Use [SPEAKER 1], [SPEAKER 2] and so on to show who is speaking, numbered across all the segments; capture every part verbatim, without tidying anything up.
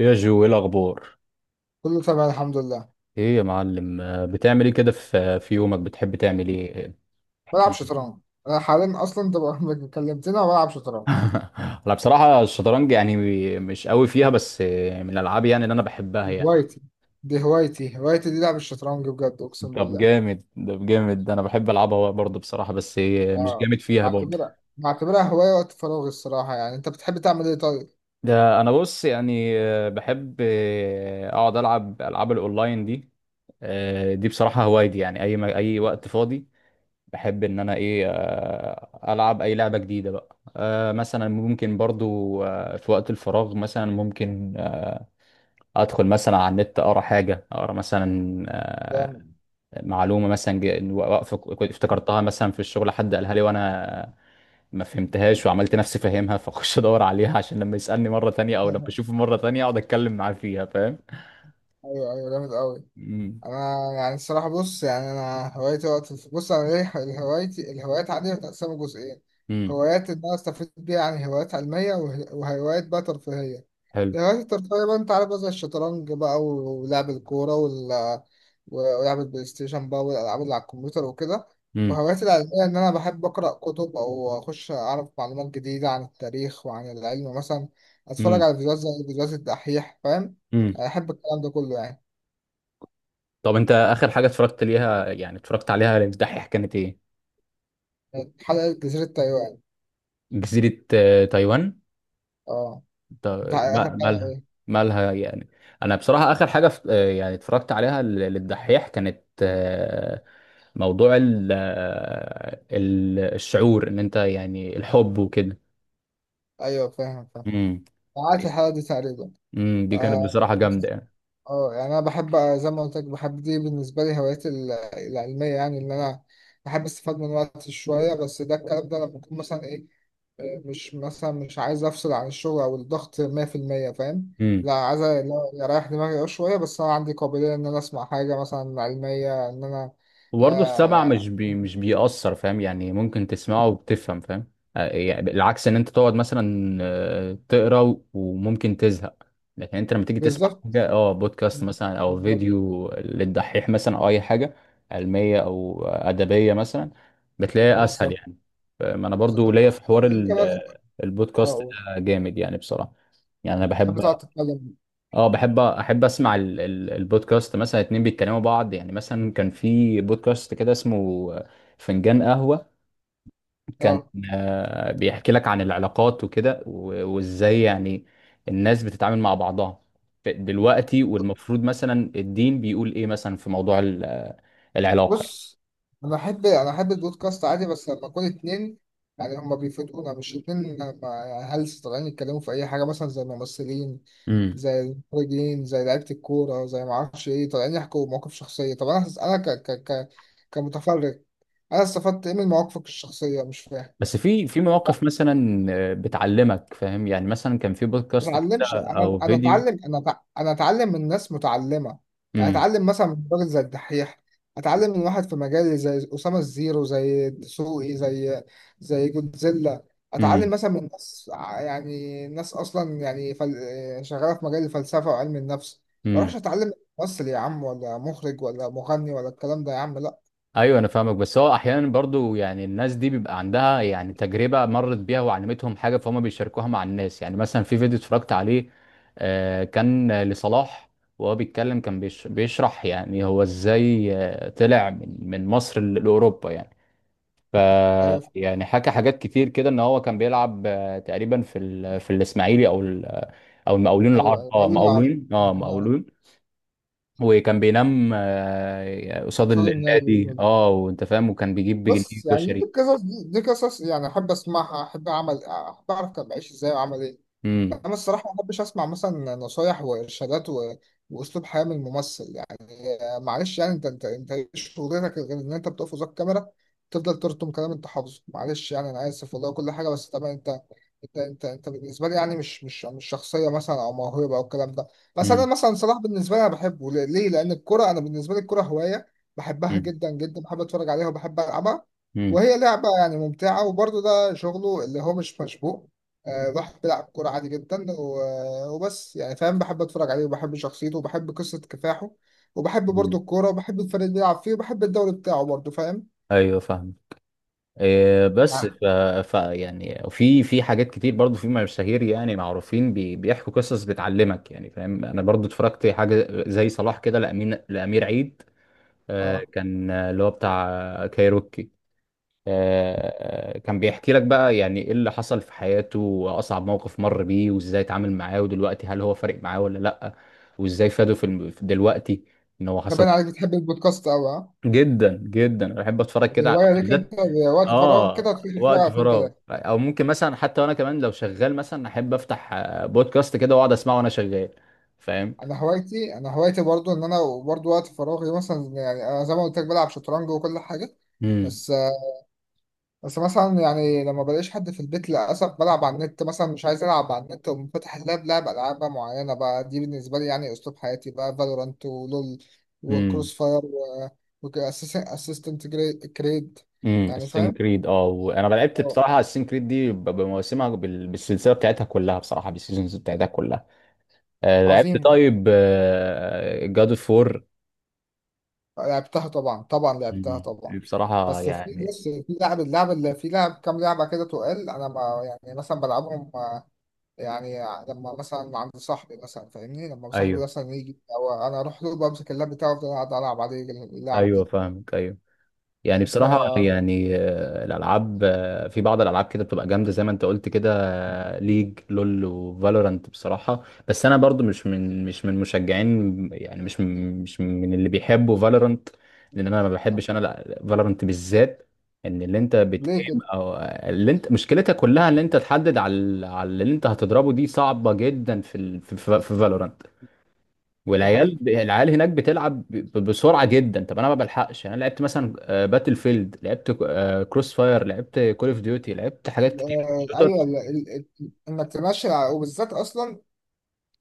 [SPEAKER 1] يا جو، ايه الاخبار؟
[SPEAKER 2] كله تمام الحمد لله.
[SPEAKER 1] ايه يا معلم، آه، بتعمل ايه كده في في يومك؟ بتحب تعمل ايه؟ احكي
[SPEAKER 2] بلعب
[SPEAKER 1] لي.
[SPEAKER 2] شطرنج. انا حاليا اصلا انت بقى- كلمتني انا بلعب شطرنج.
[SPEAKER 1] انا بصراحه الشطرنج، يعني مش قوي فيها، بس آه، من الالعاب يعني اللي انا بحبها يعني.
[SPEAKER 2] هوايتي، دي هوايتي هوايتي دي لعب الشطرنج بجد، اقسم
[SPEAKER 1] طب
[SPEAKER 2] بالله.
[SPEAKER 1] جامد ده جامد ده، انا بحب العبها برضه بصراحه، بس آه، مش
[SPEAKER 2] اه،
[SPEAKER 1] جامد فيها برضه.
[SPEAKER 2] بعتبرها بعتبرها هوايه وقت فراغي الصراحه. يعني انت بتحب تعمل ايه طيب؟
[SPEAKER 1] ده انا بص يعني، آه، بحب آه، اقعد العب العاب الاونلاين دي. آه، دي بصراحه هوايتي يعني، اي ما- اي وقت فاضي بحب ان انا ايه، آه، العب اي لعبه جديده بقى. آه، مثلا ممكن برضو آه، في وقت الفراغ، مثلا ممكن آه، ادخل مثلا على النت، اقرا حاجه، اقرا مثلا آه،
[SPEAKER 2] جامد.
[SPEAKER 1] معلومه مثلا ج- واقفه كنت افتكرتها مثلا في الشغل، حد قالها لي وانا ما فهمتهاش وعملت نفسي فاهمها، فاخش ادور عليها، عشان لما يسالني مره تانية او لما اشوفه مره تانية اقعد اتكلم معاه فيها فاهم.
[SPEAKER 2] ايوه، ايوه، جامد قوي.
[SPEAKER 1] امم.
[SPEAKER 2] انا يعني الصراحه، بص، يعني انا هوايتي وقت الف- بص، انا ليه هوايتي؟ الهوايات عندي متقسمه جزئين:
[SPEAKER 1] امم.
[SPEAKER 2] هوايات ان انا استفيد بيها، يعني هوايات علميه، وه- وهوايات بقى ترفيهيه.
[SPEAKER 1] حلو.
[SPEAKER 2] الهوايات الترفيهيه بقى انت عارف بقى، زي الشطرنج بقى و- ولعب الكوره وال... ولعب البلاي ستيشن بقى، والالعاب اللي على الكمبيوتر وكده.
[SPEAKER 1] امم.
[SPEAKER 2] وهواياتي العلميه ان انا بحب اقرا كتب، او اخش اعرف معلومات جديده عن التاريخ وعن العلم مثلا، اتفرج
[SPEAKER 1] امم.
[SPEAKER 2] على فيديوهات زي فيديوهات الدحيح، فاهم؟
[SPEAKER 1] امم.
[SPEAKER 2] يعني احب الكلام ده كله يعني.
[SPEAKER 1] طب انت اخر حاجه اتفرجت ليها، يعني اتفرجت عليها الدحيح كانت ايه؟
[SPEAKER 2] حلقة جزيرة تايوان.
[SPEAKER 1] جزيرة آه، تايوان.
[SPEAKER 2] اه. انت
[SPEAKER 1] تا-
[SPEAKER 2] اخر
[SPEAKER 1] ما-
[SPEAKER 2] حلقة
[SPEAKER 1] مالها؟
[SPEAKER 2] ايه؟
[SPEAKER 1] مالها يعني؟ أنا بصراحة آخر حاجة ف- آه، يعني اتفرجت عليها ل- للدحيح كانت آه، موضوع ال- آه، ال- الشعور، إن أنت يعني الحب وكده.
[SPEAKER 2] ايوه، فاهم، فاهم.
[SPEAKER 1] امم.
[SPEAKER 2] عارف الحلقة دي تقريبا.
[SPEAKER 1] امم، دي
[SPEAKER 2] آه
[SPEAKER 1] كانت بصراحة
[SPEAKER 2] بس.
[SPEAKER 1] جامدة
[SPEAKER 2] اه يعني انا بحب، آه، زي ما قلت لك، بحب دي. بالنسبة لي هواياتي ال- العلمية، يعني ان انا بحب استفاد من وقتي شوية. بس ده الكلام ده لما بكون مثلا ايه، آه، مش مثلا مش عايز افصل عن الشغل او الضغط مية في المية. فاهم؟
[SPEAKER 1] يعني.
[SPEAKER 2] لا، عايز أ- لا، اريح دماغي أه شوية. بس انا عندي قابلية ان انا اسمع حاجة مثلا علمية ان انا،
[SPEAKER 1] وبرضه السمع
[SPEAKER 2] آه،
[SPEAKER 1] مش بي مش بيأثر، فاهم يعني؟ ممكن تسمعه وبتفهم فاهم. آه، يعني العكس ان انت تقعد مثلا آه، تقرا و- وممكن تزهق، لكن انت لما تيجي تسمع
[SPEAKER 2] بالظبط،
[SPEAKER 1] حاجه، اه بودكاست مثلا او
[SPEAKER 2] بالظبط،
[SPEAKER 1] فيديو للدحيح مثلا او اي حاجه علميه او ادبيه مثلا بتلاقيها اسهل
[SPEAKER 2] بالظبط،
[SPEAKER 1] يعني. ما انا برضو
[SPEAKER 2] بالظبط.
[SPEAKER 1] ليا في حوار
[SPEAKER 2] انت
[SPEAKER 1] ال-
[SPEAKER 2] مثلا،
[SPEAKER 1] البودكاست ده،
[SPEAKER 2] اه
[SPEAKER 1] جامد يعني بصراحه. يعني انا
[SPEAKER 2] بتحب
[SPEAKER 1] بحب،
[SPEAKER 2] تقعد تتكلم؟
[SPEAKER 1] اه بحب احب اسمع ال- ال- البودكاست، مثلا اتنين بيتكلموا بعض. يعني مثلا كان في بودكاست كده اسمه فنجان قهوة، كان
[SPEAKER 2] اه،
[SPEAKER 1] آه، بيحكي لك عن العلاقات وكده، و- وازاي يعني الناس بتتعامل مع بعضها ف- دلوقتي، والمفروض مثلا الدين بيقول ايه مثلا في موضوع ال- آه، العلاقة.
[SPEAKER 2] بص، انا احب انا احب البودكاست عادي، بس لما اكون اتنين يعني هما بيفيدونا، مش اتنين هلس طالعين يتكلموا في اي حاجه، مثلا زي ممثلين،
[SPEAKER 1] امم.
[SPEAKER 2] زي المخرجين، زي لعيبه الكوره، زي ما اعرفش ايه، طالعين يحكوا مواقف شخصيه. طب انا، انا ك ك ك كمتفرج، انا استفدت ايه من مواقفك الشخصيه؟ مش فاهم.
[SPEAKER 1] بس في في مواقف مثلا آه، بتعلمك فاهم يعني، مثلا كان في
[SPEAKER 2] ما
[SPEAKER 1] بودكاست كده
[SPEAKER 2] اتعلمش. انا
[SPEAKER 1] او
[SPEAKER 2] انا
[SPEAKER 1] فيديو.
[SPEAKER 2] اتعلم، انا أتع- انا اتعلم من ناس متعلمه. يعني
[SPEAKER 1] امم.
[SPEAKER 2] اتعلم مثلا من راجل زي الدحيح، اتعلم من واحد في مجالي زي اسامه الزيرو، زي دسوقي، زي زي جودزيلا. اتعلم مثلا من ناس ع- يعني ناس اصلا يعني فل... شغاله في مجال الفلسفه وعلم النفس. ما اروحش
[SPEAKER 1] امم.
[SPEAKER 2] اتعلم من ممثل يا عم، ولا مخرج، ولا مغني، ولا الكلام ده يا عم، لا.
[SPEAKER 1] ايوه انا فاهمك، بس هو احيانا برضو يعني الناس دي بيبقى عندها يعني تجربه مرت بيها وعلمتهم حاجه، فهم بيشاركوها مع الناس، يعني مثلا في فيديو اتفرجت عليه آه، كان لصلاح، وهو بيتكلم كان بيش- بيشرح يعني هو ازاي آه، طلع من من مصر ل- لاوروبا، يعني ف
[SPEAKER 2] ايوه،
[SPEAKER 1] يعني حكى حاجات كتير كده، ان هو كان بيلعب آه، تقريبا في ال- في الاسماعيلي او ال- او المقاولين
[SPEAKER 2] ايوه،
[SPEAKER 1] العرب،
[SPEAKER 2] ايوه،
[SPEAKER 1] اه
[SPEAKER 2] خلينا اعرف،
[SPEAKER 1] مقاولين، اه
[SPEAKER 2] خلينا اعرف.
[SPEAKER 1] مقاولون. وكان بينام آه، قصاد ال-
[SPEAKER 2] خالد النبي.
[SPEAKER 1] النادي، اه وانت فاهم، وكان بيجيب بجنيه
[SPEAKER 2] بص يعني دي
[SPEAKER 1] كشري.
[SPEAKER 2] قصص، دي, دي قصص يعني احب اسمعها، احب اعمل احب اعرف كان بعيش ازاي وعمل ايه.
[SPEAKER 1] امم.
[SPEAKER 2] انا الصراحه ما بحبش اسمع مثلا نصايح وارشادات و... واسلوب حياه من ممثل. آه، معلش يعني انت، انت انت ايه شغلتك غير ان انت بتقف قصاد كاميرا تفضل ترسم كلام انت حافظه؟ معلش يعني انا اسف والله كل حاجه، بس طبعا انت، انت انت انت بالنسبه لي يعني مش، مش مش شخصيه مثلا او موهبه او الكلام ده. بس
[SPEAKER 1] امم.
[SPEAKER 2] انا مثلا صلاح، بالنسبه لي انا بحبه ليه؟ ليه؟ لان الكره، انا بالنسبه لي الكره هوايه بحبها
[SPEAKER 1] امم.
[SPEAKER 2] جدا جدا، بحب اتفرج عليها وبحب العبها، وهي لعبه يعني ممتعه. وبرضه ده شغله اللي هو مش مشبوه، آه، راح بيلعب كورة عادي جدا و- وبس يعني، فاهم؟ بحب اتفرج عليه وبحب شخصيته وبحب قصة كفاحه، وبحب
[SPEAKER 1] امم.
[SPEAKER 2] برضو الكورة، وبحب الفريق اللي بيلعب فيه، وبحب الدوري بتاعه برضو، فاهم؟
[SPEAKER 1] ايوه فاهم. إيه بس
[SPEAKER 2] نعم.
[SPEAKER 1] ف... ف يعني في في حاجات كتير برضو، في مشاهير يعني معروفين بي... بيحكوا قصص بتعلمك يعني، فاهم؟ انا برضو اتفرجت حاجه زي صلاح كده، لامين لامير عيد آه
[SPEAKER 2] اه،
[SPEAKER 1] كان آه، اللي هو بتاع آه، كايروكي. آه، آه، كان بيحكي لك بقى يعني ايه اللي حصل في حياته، واصعب موقف مر بيه، وازاي اتعامل معاه، ودلوقتي هل هو فارق معاه ولا لا، وازاي فاده في الم- في دلوقتي ان هو حصل.
[SPEAKER 2] تبان عليك بتحب البودكاست أوي، اه.
[SPEAKER 1] جدا جدا انا بحب اتفرج
[SPEAKER 2] دي
[SPEAKER 1] كده على
[SPEAKER 2] هواية ليك انت،
[SPEAKER 1] بالذات.
[SPEAKER 2] وقت فراغ كده
[SPEAKER 1] اه،
[SPEAKER 2] تخش تتفرج على
[SPEAKER 1] وقت
[SPEAKER 2] اتنين
[SPEAKER 1] فراغ،
[SPEAKER 2] تلاتة.
[SPEAKER 1] او ممكن مثلا حتى وانا كمان لو شغال مثلا احب افتح آه، بودكاست كده واقعد اسمعه وانا شغال فاهم.
[SPEAKER 2] انا هوايتي انا هوايتي برضو ان انا، برضو وقت فراغي مثلا، يعني انا زي ما قلت لك بلعب شطرنج وكل حاجة.
[SPEAKER 1] امم.
[SPEAKER 2] بس بس مثلا يعني لما بلاقيش حد في البيت للأسف، بلعب على النت. مثلا مش عايز ألعب على النت، ومفتح فاتح اللاب، لعب ألعاب بقى معينة بقى، دي بالنسبة لي يعني أسلوب حياتي بقى: فالورانت، ولول،
[SPEAKER 1] امم.
[SPEAKER 2] وكروس فاير، وأسيستنت كريد
[SPEAKER 1] امم.
[SPEAKER 2] يعني،
[SPEAKER 1] السين
[SPEAKER 2] فاهم؟
[SPEAKER 1] كريد، اه وانا لعبت
[SPEAKER 2] آه،
[SPEAKER 1] بصراحه السين كريد دي ب- بمواسمها، بال- بالسلسله بتاعتها كلها بصراحه، بالسيزونز بتاعتها كلها. آه، لعبت
[SPEAKER 2] عظيمة.
[SPEAKER 1] طيب جاد اوف فور.
[SPEAKER 2] لعبتها طبعا، طبعا لعبتها
[SPEAKER 1] مم.
[SPEAKER 2] طبعا.
[SPEAKER 1] بصراحة
[SPEAKER 2] بس في
[SPEAKER 1] يعني.
[SPEAKER 2] بص، في لعب، اللعب اللي في لعب كام لعبة كده، تقال أنا ما يعني مثلا بلعبهم يعني لما مثلا عند صاحبي، مثلا فاهمني، لما صاحبي
[SPEAKER 1] ايوه،
[SPEAKER 2] مثلا يجي او انا اروح له، بمسك اللاب بتاعه وافضل قاعد العب عليه اللعب
[SPEAKER 1] ايوه،
[SPEAKER 2] دي.
[SPEAKER 1] فاهمك، ايوه. يعني
[SPEAKER 2] ف
[SPEAKER 1] بصراحة يعني آه، الألعاب، آه، في بعض الألعاب كده بتبقى جامدة زي ما أنت قلت كده. آه، ليج لول وفالورانت بصراحة، بس أنا برضو مش من مش من مشجعين يعني، مش من مش من اللي بيحبوا فالورانت، لأن أنا ما بحبش أنا فالورانت بالذات. إن اللي أنت
[SPEAKER 2] ليه
[SPEAKER 1] بتقيم
[SPEAKER 2] كده؟
[SPEAKER 1] أو آه، اللي أنت مشكلتها كلها اللي أنت تحدد على ال- على اللي أنت هتضربه، دي صعبة جدا في ال... في فالورانت.
[SPEAKER 2] دي
[SPEAKER 1] والعيال
[SPEAKER 2] حقيقة.
[SPEAKER 1] ب- العيال هناك بتلعب ب- بسرعه جدا، طب انا ما بلحقش. يعني انا لعبت مثلا آه، باتل فيلد، لعبت كروس فاير، لعبت كول اوف ديوتي، لعبت حاجات كتير
[SPEAKER 2] آه،
[SPEAKER 1] شوتر.
[SPEAKER 2] ايوه، ال- ال- ال- انك تمشي على- وبالذات اصلا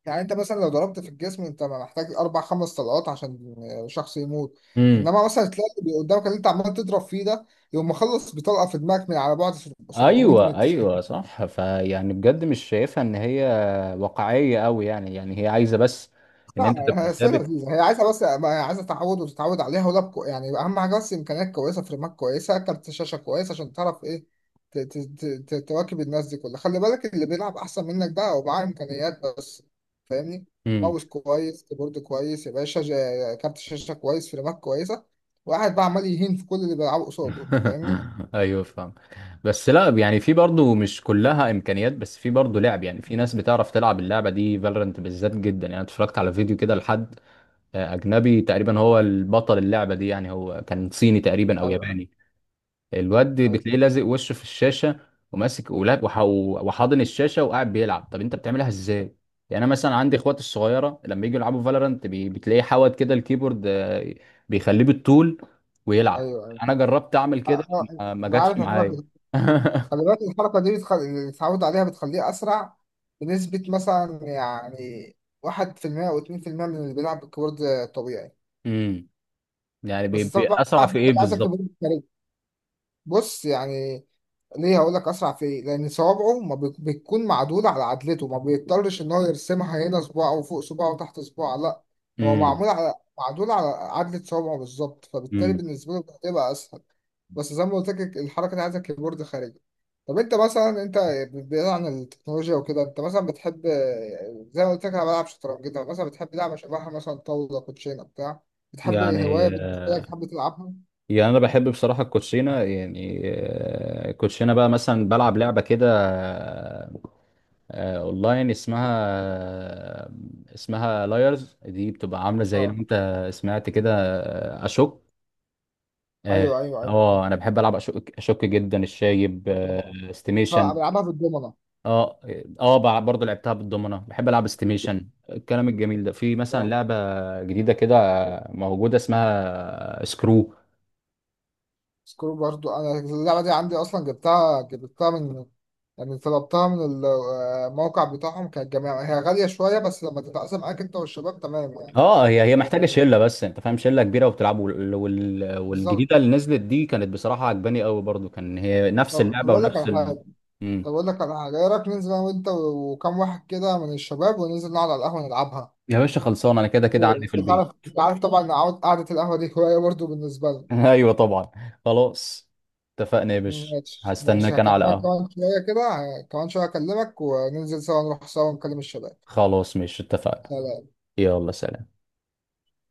[SPEAKER 2] يعني، انت مثلا لو ضربت في الجسم، انت محتاج اربع خمس طلقات عشان شخص يموت،
[SPEAKER 1] امم.
[SPEAKER 2] انما مثلا تلاقي اللي قدامك، اللي انت عمال تضرب فيه ده، يقوم مخلص بطلقه في دماغك من على بعد سبع مية
[SPEAKER 1] ايوه
[SPEAKER 2] متر.
[SPEAKER 1] ايوه صح، فيعني بجد مش شايفها ان هي واقعيه قوي يعني، يعني هي عايزه بس ان انت
[SPEAKER 2] لا،
[SPEAKER 1] تبقى
[SPEAKER 2] هي سنة
[SPEAKER 1] ثابت.
[SPEAKER 2] لذيذة، هي عايزة بس، ما هي عايزة تعود وتتعود عليها. ولاب كو- يعني أهم حاجة بس إمكانيات كويسة، فريمات كويسة، كارت شاشة كويس، عشان تعرف إيه، ت- ت- ت- ت- تواكب الناس دي كلها. خلي بالك، اللي بيلعب أحسن منك ده هو معاه إمكانيات بس، فاهمني؟
[SPEAKER 1] امم.
[SPEAKER 2] ماوس كويس، كيبورد كويس يا باشا، جا- كارت شاشة كويس، فريمات كويسة، واحد بقى عمال يهين في كل اللي بيلعبه قصاده. أنت فاهمني؟
[SPEAKER 1] ايوه فاهم. بس لا يعني في برضو مش كلها امكانيات، بس في برضو لعب. يعني في ناس بتعرف تلعب اللعبه دي، فالورنت بالذات جدا، يعني اتفرجت على فيديو كده لحد اجنبي تقريبا هو البطل اللعبه دي، يعني هو كان صيني تقريبا او
[SPEAKER 2] أيوه،
[SPEAKER 1] ياباني. الواد
[SPEAKER 2] أيوه،
[SPEAKER 1] بتلاقيه لازق وشه في الشاشه، وماسك ولاب وح- وحاضن الشاشه وقاعد بيلعب. طب انت بتعملها ازاي؟ يعني انا مثلا عندي اخواتي الصغيره لما يجوا يلعبوا فالورانت بتلاقيه حاود كده الكيبورد، آه، بيخليه بالطول ويلعب.
[SPEAKER 2] أيوه، أيوه.
[SPEAKER 1] انا جربت اعمل
[SPEAKER 2] أ-
[SPEAKER 1] كده،
[SPEAKER 2] أ-
[SPEAKER 1] ما ما
[SPEAKER 2] أنا
[SPEAKER 1] جاتش
[SPEAKER 2] عارف إن،
[SPEAKER 1] معايا
[SPEAKER 2] خلي بالك الحركة دي بتخ... اللي اتعود عليها بتخليه أسرع بنسبة مثلا يعني واحد في المية أو اتنين في المية من اللي بيلعب بالكيبورد طبيعي.
[SPEAKER 1] امم. يعني بي-
[SPEAKER 2] بس
[SPEAKER 1] بي-
[SPEAKER 2] طبعا
[SPEAKER 1] اسرع في ايه
[SPEAKER 2] عايزك
[SPEAKER 1] بالظبط؟
[SPEAKER 2] تبقى، بص يعني، ليه هقول لك اسرع في ايه؟ لان صوابعه ما بت- بتكون معدوله على عدلته، ما بيضطرش ان هو يرسمها، هنا صباع وفوق صباع وتحت صباع، لا، هو
[SPEAKER 1] امم.
[SPEAKER 2] معمول على معدول على عدله صوابعه بالظبط، فبالتالي
[SPEAKER 1] امم.
[SPEAKER 2] بالنسبه له بتبقى اسهل. بس زي ما قلت لك الحركه دي عايزه كيبورد خارجي. طب انت مثلا، انت بعيد عن التكنولوجيا وكده، انت مثلا بتحب، زي ما قلت لك انا بلعب شطرنج، انت مثلا بتحب لعبه شبهها، مثلا طاوله، كوتشينه، بتاع بتحب
[SPEAKER 1] يعني
[SPEAKER 2] هوايه بالنسبه لك
[SPEAKER 1] آه،
[SPEAKER 2] تحب تلعبها؟
[SPEAKER 1] يعني انا بحب بصراحه الكوتشينه، يعني آه، الكوتشينه بقى مثلا بلعب لعبه كده، آه، آه، اونلاين اسمها آه، اسمها لايرز. دي بتبقى عامله زي اللي
[SPEAKER 2] اه،
[SPEAKER 1] انت سمعت كده، آه، اشك. اه.
[SPEAKER 2] ايوه، ايوه، ايوه.
[SPEAKER 1] آه، انا بحب العب اشك اشك جدا، الشايب
[SPEAKER 2] طبعا،
[SPEAKER 1] آه،
[SPEAKER 2] طبعاً
[SPEAKER 1] استيميشن.
[SPEAKER 2] بلعبها في الدومنة.
[SPEAKER 1] اه. اه. بع- برضه لعبتها بالضمنه، بحب العب استيميشن الكلام الجميل ده. في مثلا
[SPEAKER 2] آه.
[SPEAKER 1] لعبه جديده كده آه، موجوده اسمها سكرو.
[SPEAKER 2] سكرو برضو انا اللعبه دي عندي اصلا. جبتها، جبتها من يعني طلبتها من ال- آه، الموقع بتاعهم. كانت جميع، هي غاليه شويه، بس لما تتقسم معاك انت والشباب تمام يعني.
[SPEAKER 1] اه، هي هي
[SPEAKER 2] آه،
[SPEAKER 1] محتاجه شله، بس انت فاهم شله كبيره وبتلعبوا وال... وال...
[SPEAKER 2] بالظبط.
[SPEAKER 1] والجديده اللي نزلت دي كانت بصراحه عجباني قوي برضو، كان هي نفس
[SPEAKER 2] طب طب
[SPEAKER 1] اللعبه
[SPEAKER 2] اقول لك
[SPEAKER 1] ونفس
[SPEAKER 2] على
[SPEAKER 1] ال...
[SPEAKER 2] حاجه
[SPEAKER 1] مم.
[SPEAKER 2] طب اقول لك على حاجه، ايه رايك ننزل انا وانت وكام واحد كده من الشباب، وننزل نقعد على القهوه نلعبها؟
[SPEAKER 1] يا باشا خلصان، انا كده كده عندي في
[SPEAKER 2] انت عارف
[SPEAKER 1] البيت.
[SPEAKER 2] انت عارف طبعا إن عود- قعده القهوه دي هوايه برضو بالنسبه لي.
[SPEAKER 1] ايوه طبعا. خلاص، اتفقنا يا باشا.
[SPEAKER 2] ماشي، ماشي،
[SPEAKER 1] هستناك انا
[SPEAKER 2] هكلمك
[SPEAKER 1] على قهوه.
[SPEAKER 2] كمان شويه كده، كمان شويه اكلمك وننزل سوا، نروح سوا نكلم الشباب.
[SPEAKER 1] خلاص ماشي اتفقنا.
[SPEAKER 2] خلاص.
[SPEAKER 1] يلا سلام.